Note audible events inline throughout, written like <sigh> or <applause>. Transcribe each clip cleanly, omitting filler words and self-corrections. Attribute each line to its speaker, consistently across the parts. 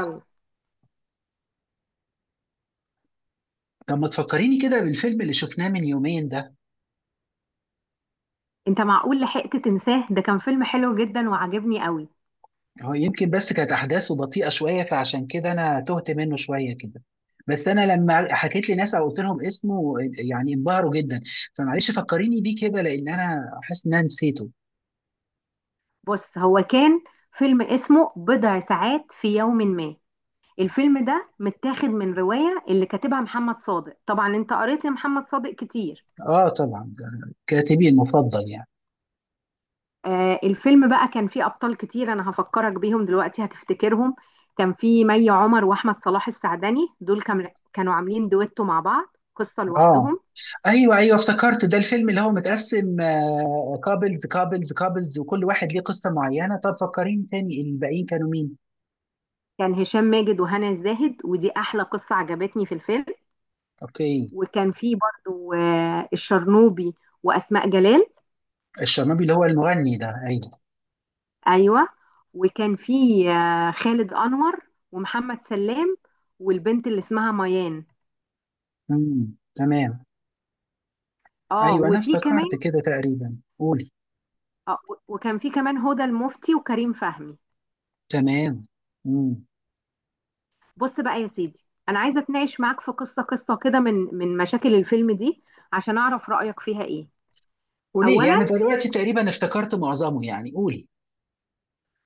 Speaker 1: يلا.
Speaker 2: طب ما تفكريني كده بالفيلم اللي شفناه من يومين ده.
Speaker 1: انت معقول لحقت تنساه؟ ده كان فيلم حلو جدا وعجبني قوي.
Speaker 2: هو يمكن بس كانت احداثه بطيئه شويه فعشان كده انا تهت منه شويه كده. بس انا لما حكيت لناس او قلت لهم اسمه يعني انبهروا جدا. فمعلش فكريني بيه كده لان انا حاسس ان انا نسيته.
Speaker 1: بص، هو كان فيلم اسمه بضع ساعات في يوم ما. الفيلم ده متاخد من رواية اللي كاتبها محمد صادق، طبعا انت قريت لمحمد صادق كتير.
Speaker 2: اه، طبعا ده كاتبي المفضل يعني.
Speaker 1: آه، الفيلم بقى كان فيه أبطال كتير، انا هفكرك بيهم دلوقتي هتفتكرهم. كان فيه مي عمر واحمد صلاح السعدني، دول كانوا عاملين دويتو مع بعض قصة
Speaker 2: اه،
Speaker 1: لوحدهم.
Speaker 2: ايوه ايوه افتكرت ده الفيلم اللي هو متقسم كابلز كابلز كابلز، وكل واحد ليه قصه معينه. طب فكريني تاني الباقيين كانوا مين؟
Speaker 1: كان هشام ماجد وهنا الزاهد، ودي احلى قصة عجبتني في الفيلم.
Speaker 2: اوكي.
Speaker 1: وكان في برضو الشرنوبي وأسماء جلال.
Speaker 2: الشرنوبي اللي هو المغني ده، ايوه.
Speaker 1: أيوة. وكان في خالد أنور ومحمد سلام والبنت اللي اسمها ميان.
Speaker 2: امم، تمام.
Speaker 1: اه،
Speaker 2: ايوه انا
Speaker 1: وفي كمان.
Speaker 2: افتكرت كده تقريبا، قولي.
Speaker 1: آه و- وكان في كمان هدى المفتي وكريم فهمي.
Speaker 2: تمام. امم.
Speaker 1: بص بقى يا سيدي، أنا عايزة أتناقش معاك في قصة كده من مشاكل الفيلم دي عشان أعرف رأيك فيها إيه.
Speaker 2: قولي يعني
Speaker 1: أولا،
Speaker 2: دلوقتي تقريبا افتكرت معظمه يعني قولي.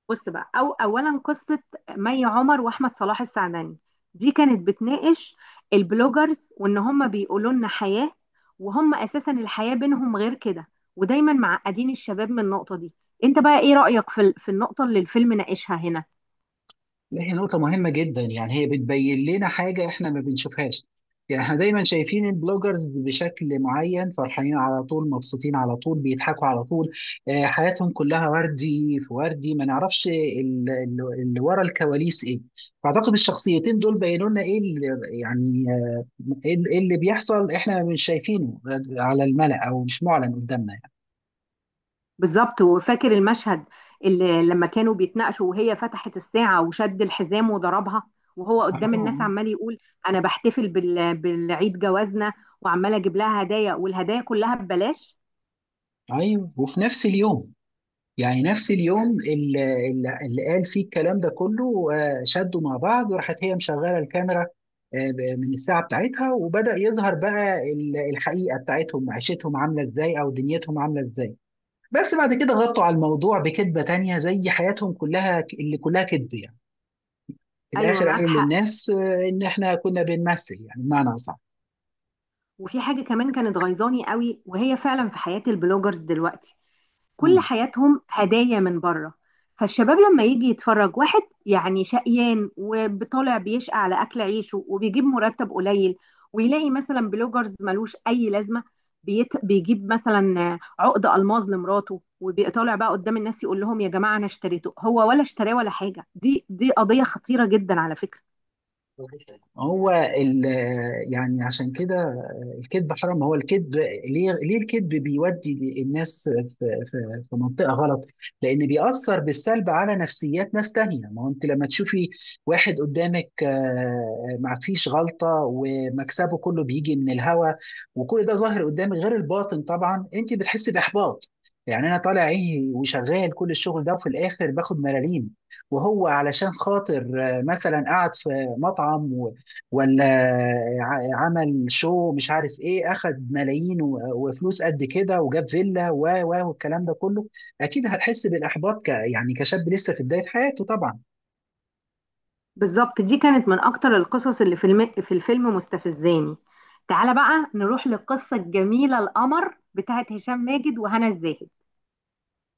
Speaker 1: بص بقى، أو أولا قصة مي عمر وأحمد صلاح السعدني، دي كانت بتناقش البلوجرز وإن هم بيقولوا لنا حياة، وهم أساسا الحياة بينهم غير كده، ودايما معقدين الشباب من النقطة دي. أنت بقى إيه رأيك في النقطة اللي الفيلم ناقشها هنا؟
Speaker 2: هي نقطة مهمة جدا، يعني هي بتبين لنا حاجة احنا ما بنشوفهاش. يعني احنا دايما شايفين البلوجرز بشكل معين، فرحانين على طول، مبسوطين على طول، بيضحكوا على طول. حياتهم كلها وردي في وردي، ما نعرفش اللي ورا الكواليس ايه. فاعتقد الشخصيتين دول بينوا لنا ايه يعني ايه اللي بيحصل احنا مش شايفينه، على الملأ او مش معلن قدامنا يعني.
Speaker 1: بالظبط. وفاكر المشهد اللي لما كانوا بيتناقشوا وهي فتحت الساعة وشد الحزام وضربها، وهو قدام الناس
Speaker 2: اه،
Speaker 1: عمال يقول أنا بحتفل بالعيد جوازنا، وعمال أجيب لها هدايا والهدايا كلها ببلاش.
Speaker 2: ايوه، وفي نفس اليوم، يعني نفس اليوم اللي قال فيه الكلام ده كله، شدوا مع بعض وراحت هي مشغله الكاميرا، من الساعه بتاعتها، وبدأ يظهر بقى الحقيقه بتاعتهم، عيشتهم عامله ازاي او دنيتهم عامله ازاي. بس بعد كده غطوا على الموضوع بكذبه تانية، زي حياتهم كلها اللي كلها كذب يعني. في
Speaker 1: ايوه،
Speaker 2: الاخر
Speaker 1: معاك
Speaker 2: قالوا
Speaker 1: حق.
Speaker 2: للناس ان احنا كنا بنمثل، يعني بمعنى اصح.
Speaker 1: وفي حاجه كمان كانت غيظاني قوي، وهي فعلا في حياه البلوجرز دلوقتي كل حياتهم هدايا من بره. فالشباب لما يجي يتفرج واحد، يعني شقيان وطالع بيشقى على اكل عيشه وبيجيب مرتب قليل، ويلاقي مثلا بلوجرز ملوش اي لازمه، بيجيب مثلا عقد الماظ لمراته، وبيطالع بقى قدام الناس يقول لهم يا جماعه انا اشتريته، هو ولا اشتراه ولا حاجه. دي قضيه خطيره جدا على فكره.
Speaker 2: هو ال يعني عشان كده الكذب حرام. ما هو الكذب، ليه الكذب بيودي الناس في منطقه غلط. لان بيأثر بالسلب على نفسيات ناس تانية. ما هو انت لما تشوفي واحد قدامك ما فيش غلطه، ومكسبه كله بيجي من الهوا، وكل ده ظاهر قدامك غير الباطن، طبعا انت بتحسي باحباط. يعني انا طالع عيني وشغال كل الشغل ده وفي الاخر باخد ملاليم، وهو علشان خاطر مثلا قعد في مطعم، ولا عمل شو مش عارف ايه، اخد ملايين وفلوس قد كده وجاب فيلا و و والكلام ده كله. اكيد هتحس بالاحباط يعني كشاب لسه في بدايه حياته طبعا.
Speaker 1: بالظبط، دي كانت من اكتر القصص اللي في الفيلم مستفزاني. تعالى بقى نروح للقصة الجميلة القمر بتاعت هشام ماجد وهنا الزاهد.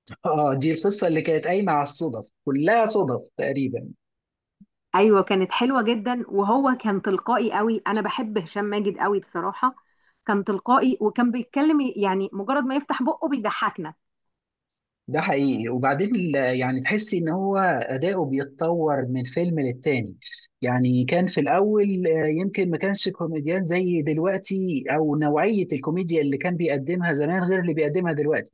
Speaker 2: <laughs> اه، دي القصه اللي كانت قايمه على الصدف، كلها صدف تقريبا.
Speaker 1: ايوه، كانت حلوة جدا، وهو كان تلقائي قوي، انا بحب هشام ماجد قوي بصراحة. كان تلقائي وكان بيتكلم، يعني مجرد ما يفتح بقه بيضحكنا.
Speaker 2: ده حقيقي، وبعدين يعني تحسي ان هو اداؤه بيتطور من فيلم للتاني. يعني كان في الاول يمكن ما كانش كوميديان زي دلوقتي، او نوعيه الكوميديا اللي كان بيقدمها زمان غير اللي بيقدمها دلوقتي.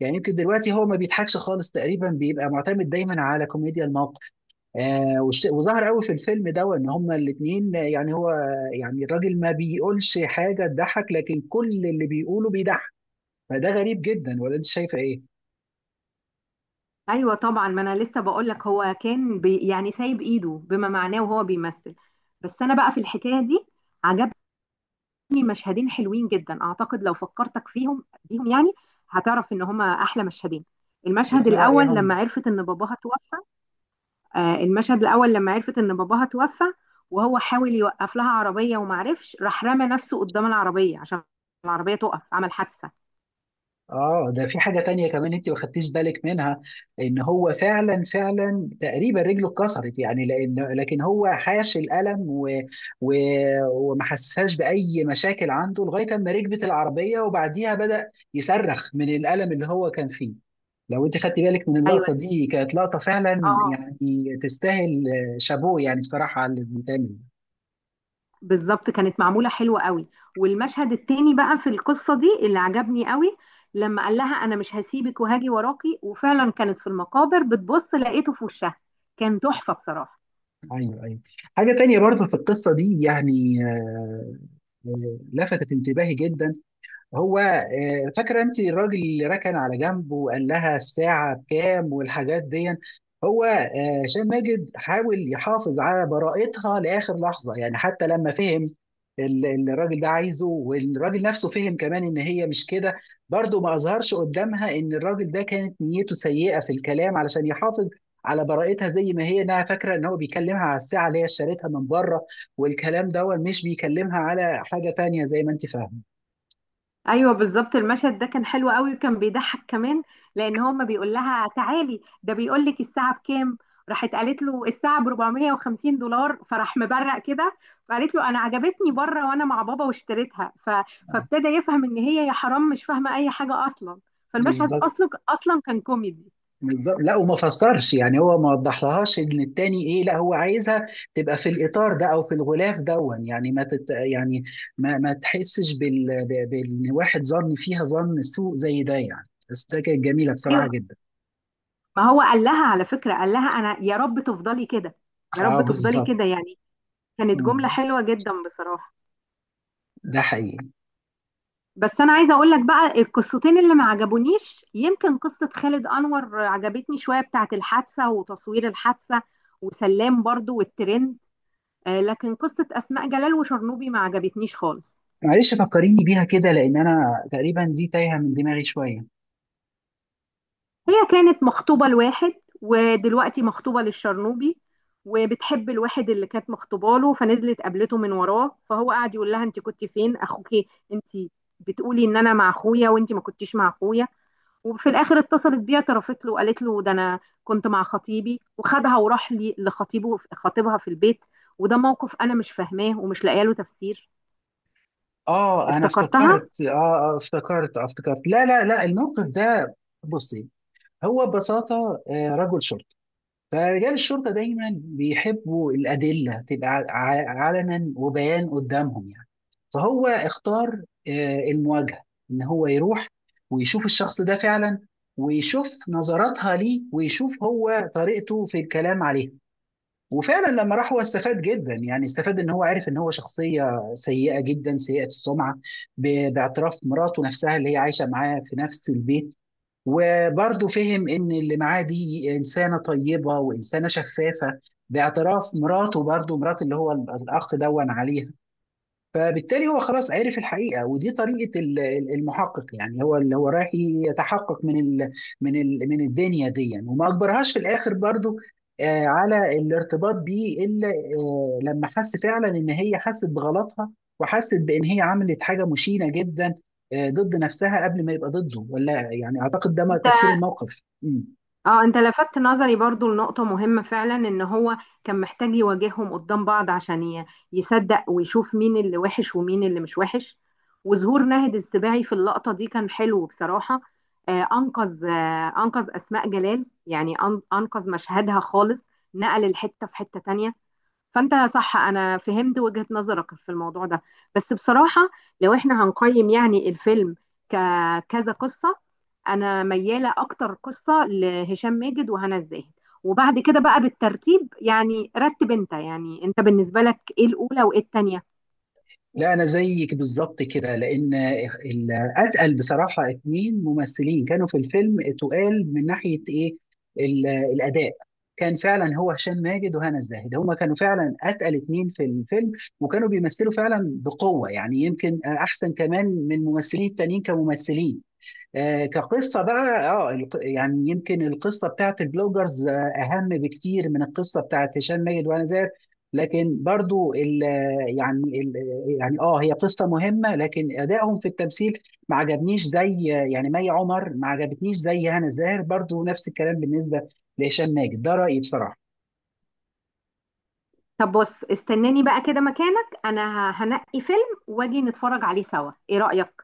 Speaker 2: يعني يمكن دلوقتي هو ما بيضحكش خالص تقريبا، بيبقى معتمد دايما على كوميديا الموقف. وظهر قوي في الفيلم ده ان هما الاثنين يعني هو، يعني الراجل ما بيقولش حاجه تضحك لكن كل اللي بيقوله بيضحك. فده غريب جدا، ولا انت شايفه ايه؟
Speaker 1: ايوه طبعا، ما انا لسه بقول لك هو كان يعني سايب ايده بما معناه وهو بيمثل. بس انا بقى في الحكاية دي عجبني مشهدين حلوين جدا، اعتقد لو فكرتك بيهم يعني هتعرف ان هما احلى مشهدين.
Speaker 2: يا
Speaker 1: المشهد
Speaker 2: ترى ايه
Speaker 1: الاول لما
Speaker 2: هم؟
Speaker 1: عرفت ان باباها توفى. آه، المشهد الاول لما عرفت ان باباها توفى، وهو حاول يوقف لها عربيه وما عرفش، راح رمى نفسه قدام العربيه عشان العربيه تقف، عمل حادثه.
Speaker 2: اه، ده في حاجة تانية كمان انت ما خدتيش بالك منها. ان هو فعلا فعلا تقريبا رجله اتكسرت يعني، لكن هو حاش الألم و... وما حسهاش بأي مشاكل عنده لغاية اما ركبت العربية، وبعديها بدأ يصرخ من الألم اللي هو كان فيه. لو انت خدتي بالك من
Speaker 1: ايوه.
Speaker 2: اللقطة دي كانت لقطة فعلا
Speaker 1: اه،
Speaker 2: يعني، تستاهل. شابوه يعني بصراحة على اللي بيتعمل.
Speaker 1: بالظبط، كانت معمولة حلوة قوي. والمشهد التاني بقى في القصة دي اللي عجبني قوي لما قال لها أنا مش هسيبك وهاجي وراكي، وفعلا كانت في المقابر بتبص لقيته في وشها. كان تحفة بصراحة.
Speaker 2: ايوه ايوه. حاجة تانية برضو في القصة دي يعني، لفتت انتباهي جدا. هو فاكرة انت الراجل اللي ركن على جنبه وقال لها الساعة بكام والحاجات دي؟ هو هشام ماجد حاول يحافظ على براءتها لآخر لحظة يعني، حتى لما فهم اللي الراجل ده عايزه، والراجل نفسه فهم كمان ان هي مش كده، برضه ما اظهرش قدامها ان الراجل ده كانت نيته سيئة في الكلام، علشان يحافظ على براءتها زي ما هي، انها فاكره ان هو بيكلمها على الساعه اللي هي اشتريتها من بره، والكلام ده مش بيكلمها على حاجه تانية زي ما انت فاهمه.
Speaker 1: ايوه بالظبط، المشهد ده كان حلو قوي وكان بيضحك كمان، لان هو ما بيقول لها تعالي، ده بيقول لك الساعه بكام. راحت قالت له الساعه ب 450 دولار، فراح مبرق كده. فقالت له انا عجبتني بره وانا مع بابا واشتريتها، فابتدى يفهم ان هي يا حرام مش فاهمه اي حاجه اصلا. فالمشهد
Speaker 2: بالظبط
Speaker 1: اصلا اصلا كان كوميدي.
Speaker 2: بالظبط. لا، وما فسرش يعني، هو ما وضحلهاش ان التاني ايه، لا هو عايزها تبقى في الاطار ده او في الغلاف دون يعني، ما تت يعني ما تحسش بان واحد ظن فيها ظن سوء زي ده يعني، بس ده كانت جميله بصراحه
Speaker 1: ايوه.
Speaker 2: جدا.
Speaker 1: ما هو قال لها على فكره، قال لها انا يا رب تفضلي كده، يا
Speaker 2: اه،
Speaker 1: رب تفضلي
Speaker 2: بالظبط.
Speaker 1: كده، يعني كانت جمله
Speaker 2: مم.
Speaker 1: حلوه جدا بصراحه.
Speaker 2: ده حقيقي.
Speaker 1: بس انا عايزه اقول لك بقى القصتين اللي ما عجبونيش. يمكن قصه خالد انور عجبتني شويه، بتاعت الحادثه وتصوير الحادثه، وسلام برضو والترند، لكن قصه اسماء جلال وشرنوبي ما عجبتنيش خالص.
Speaker 2: معلش فكريني بيها كده لان انا تقريبا دي تايهه من دماغي شويه.
Speaker 1: هي كانت مخطوبه لواحد، ودلوقتي مخطوبه للشرنوبي، وبتحب الواحد اللي كانت مخطوبه له، فنزلت قابلته من وراه. فهو قاعد يقول لها انت كنت فين اخوكي؟ انت بتقولي ان انا مع اخويا وانت ما كنتيش مع اخويا. وفي الاخر اتصلت بيه اعترفت له وقالت له ده انا كنت مع خطيبي، وخدها وراح لخطيبه خطيبها في البيت. وده موقف انا مش فاهماه ومش لاقيه له تفسير.
Speaker 2: اه، انا
Speaker 1: افتكرتها؟
Speaker 2: افتكرت اه آه، افتكرت آه، افتكرت لا لا لا، الموقف ده. بصي، هو ببساطه رجل شرطه. فرجال الشرطة دايما بيحبوا الأدلة تبقى علنا وبيان قدامهم يعني. فهو اختار المواجهة، إن هو يروح ويشوف الشخص ده فعلا، ويشوف نظراتها ليه، ويشوف هو طريقته في الكلام عليه. وفعلا لما راح هو استفاد جدا، يعني استفاد ان هو عارف ان هو شخصية سيئة جدا، سيئة السمعة، باعتراف مراته نفسها اللي هي عايشة معاه في نفس البيت. وبرضه فهم ان اللي معاه دي انسانه طيبه وانسانه شفافه، باعتراف مراته، برضه مرات اللي هو الاخ دون عليها. فبالتالي هو خلاص عرف الحقيقه، ودي طريقه المحقق يعني، هو اللي هو رايح يتحقق من الدنيا دي يعني. وما اجبرهاش في الاخر برضو على الارتباط بيه، الا لما حس فعلا ان هي حست بغلطها، وحست بان هي عملت حاجه مشينه جدا ضد نفسها قبل ما يبقى ضده. ولا يعني اعتقد ده
Speaker 1: انت
Speaker 2: تفسير الموقف.
Speaker 1: اه انت لفتت نظري برضو لنقطة مهمة فعلا، ان هو كان محتاج يواجههم قدام بعض عشان يصدق ويشوف مين اللي وحش ومين اللي مش وحش. وظهور ناهد السباعي في اللقطة دي كان حلو بصراحة، انقذ اسماء جلال، يعني انقذ مشهدها خالص، نقل الحتة في حتة تانية. فانت صح، انا فهمت وجهة نظرك في الموضوع ده. بس بصراحة، لو احنا هنقيم يعني الفيلم ككذا قصة، انا ميالة اكتر قصة لهشام ماجد وهنا الزاهد، وبعد كده بقى بالترتيب. يعني رتب انت بالنسبة لك ايه الاولى وايه التانية.
Speaker 2: لا انا زيك بالظبط كده، لان ال- اتقل بصراحه اتنين ممثلين كانوا في الفيلم، تقال من ناحيه ايه الاداء. كان فعلا هو هشام ماجد وهنا الزاهد، هما كانوا فعلا اتقل اتنين في الفيلم، وكانوا بيمثلوا فعلا بقوه، يعني يمكن احسن كمان من الممثلين التانيين كممثلين. كقصة بقى، يعني يمكن القصة بتاعت البلوجرز أهم بكتير من القصة بتاعت هشام ماجد وأنا زاهر. لكن برضو ال آه، يعني ال آه، يعني هي قصة مهمة، لكن أدائهم في التمثيل ما عجبنيش، زي يعني مي عمر ما عجبتنيش زي هنا زاهر، برضو نفس الكلام بالنسبة لهشام ماجد. ده رأيي بصراحة.
Speaker 1: طب بص، استناني بقى كده مكانك، انا هنقي فيلم واجي نتفرج عليه سوا، ايه رأيك؟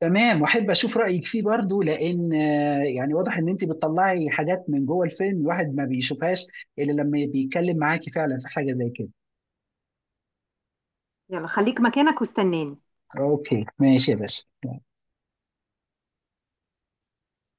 Speaker 2: تمام، واحب اشوف رايك فيه برضو لان يعني واضح ان انت بتطلعي حاجات من جوه الفيلم الواحد ما بيشوفهاش الا لما بيتكلم معاكي فعلا في حاجه زي كده.
Speaker 1: يلا خليك مكانك واستناني.
Speaker 2: اوكي، ماشي يا باشا.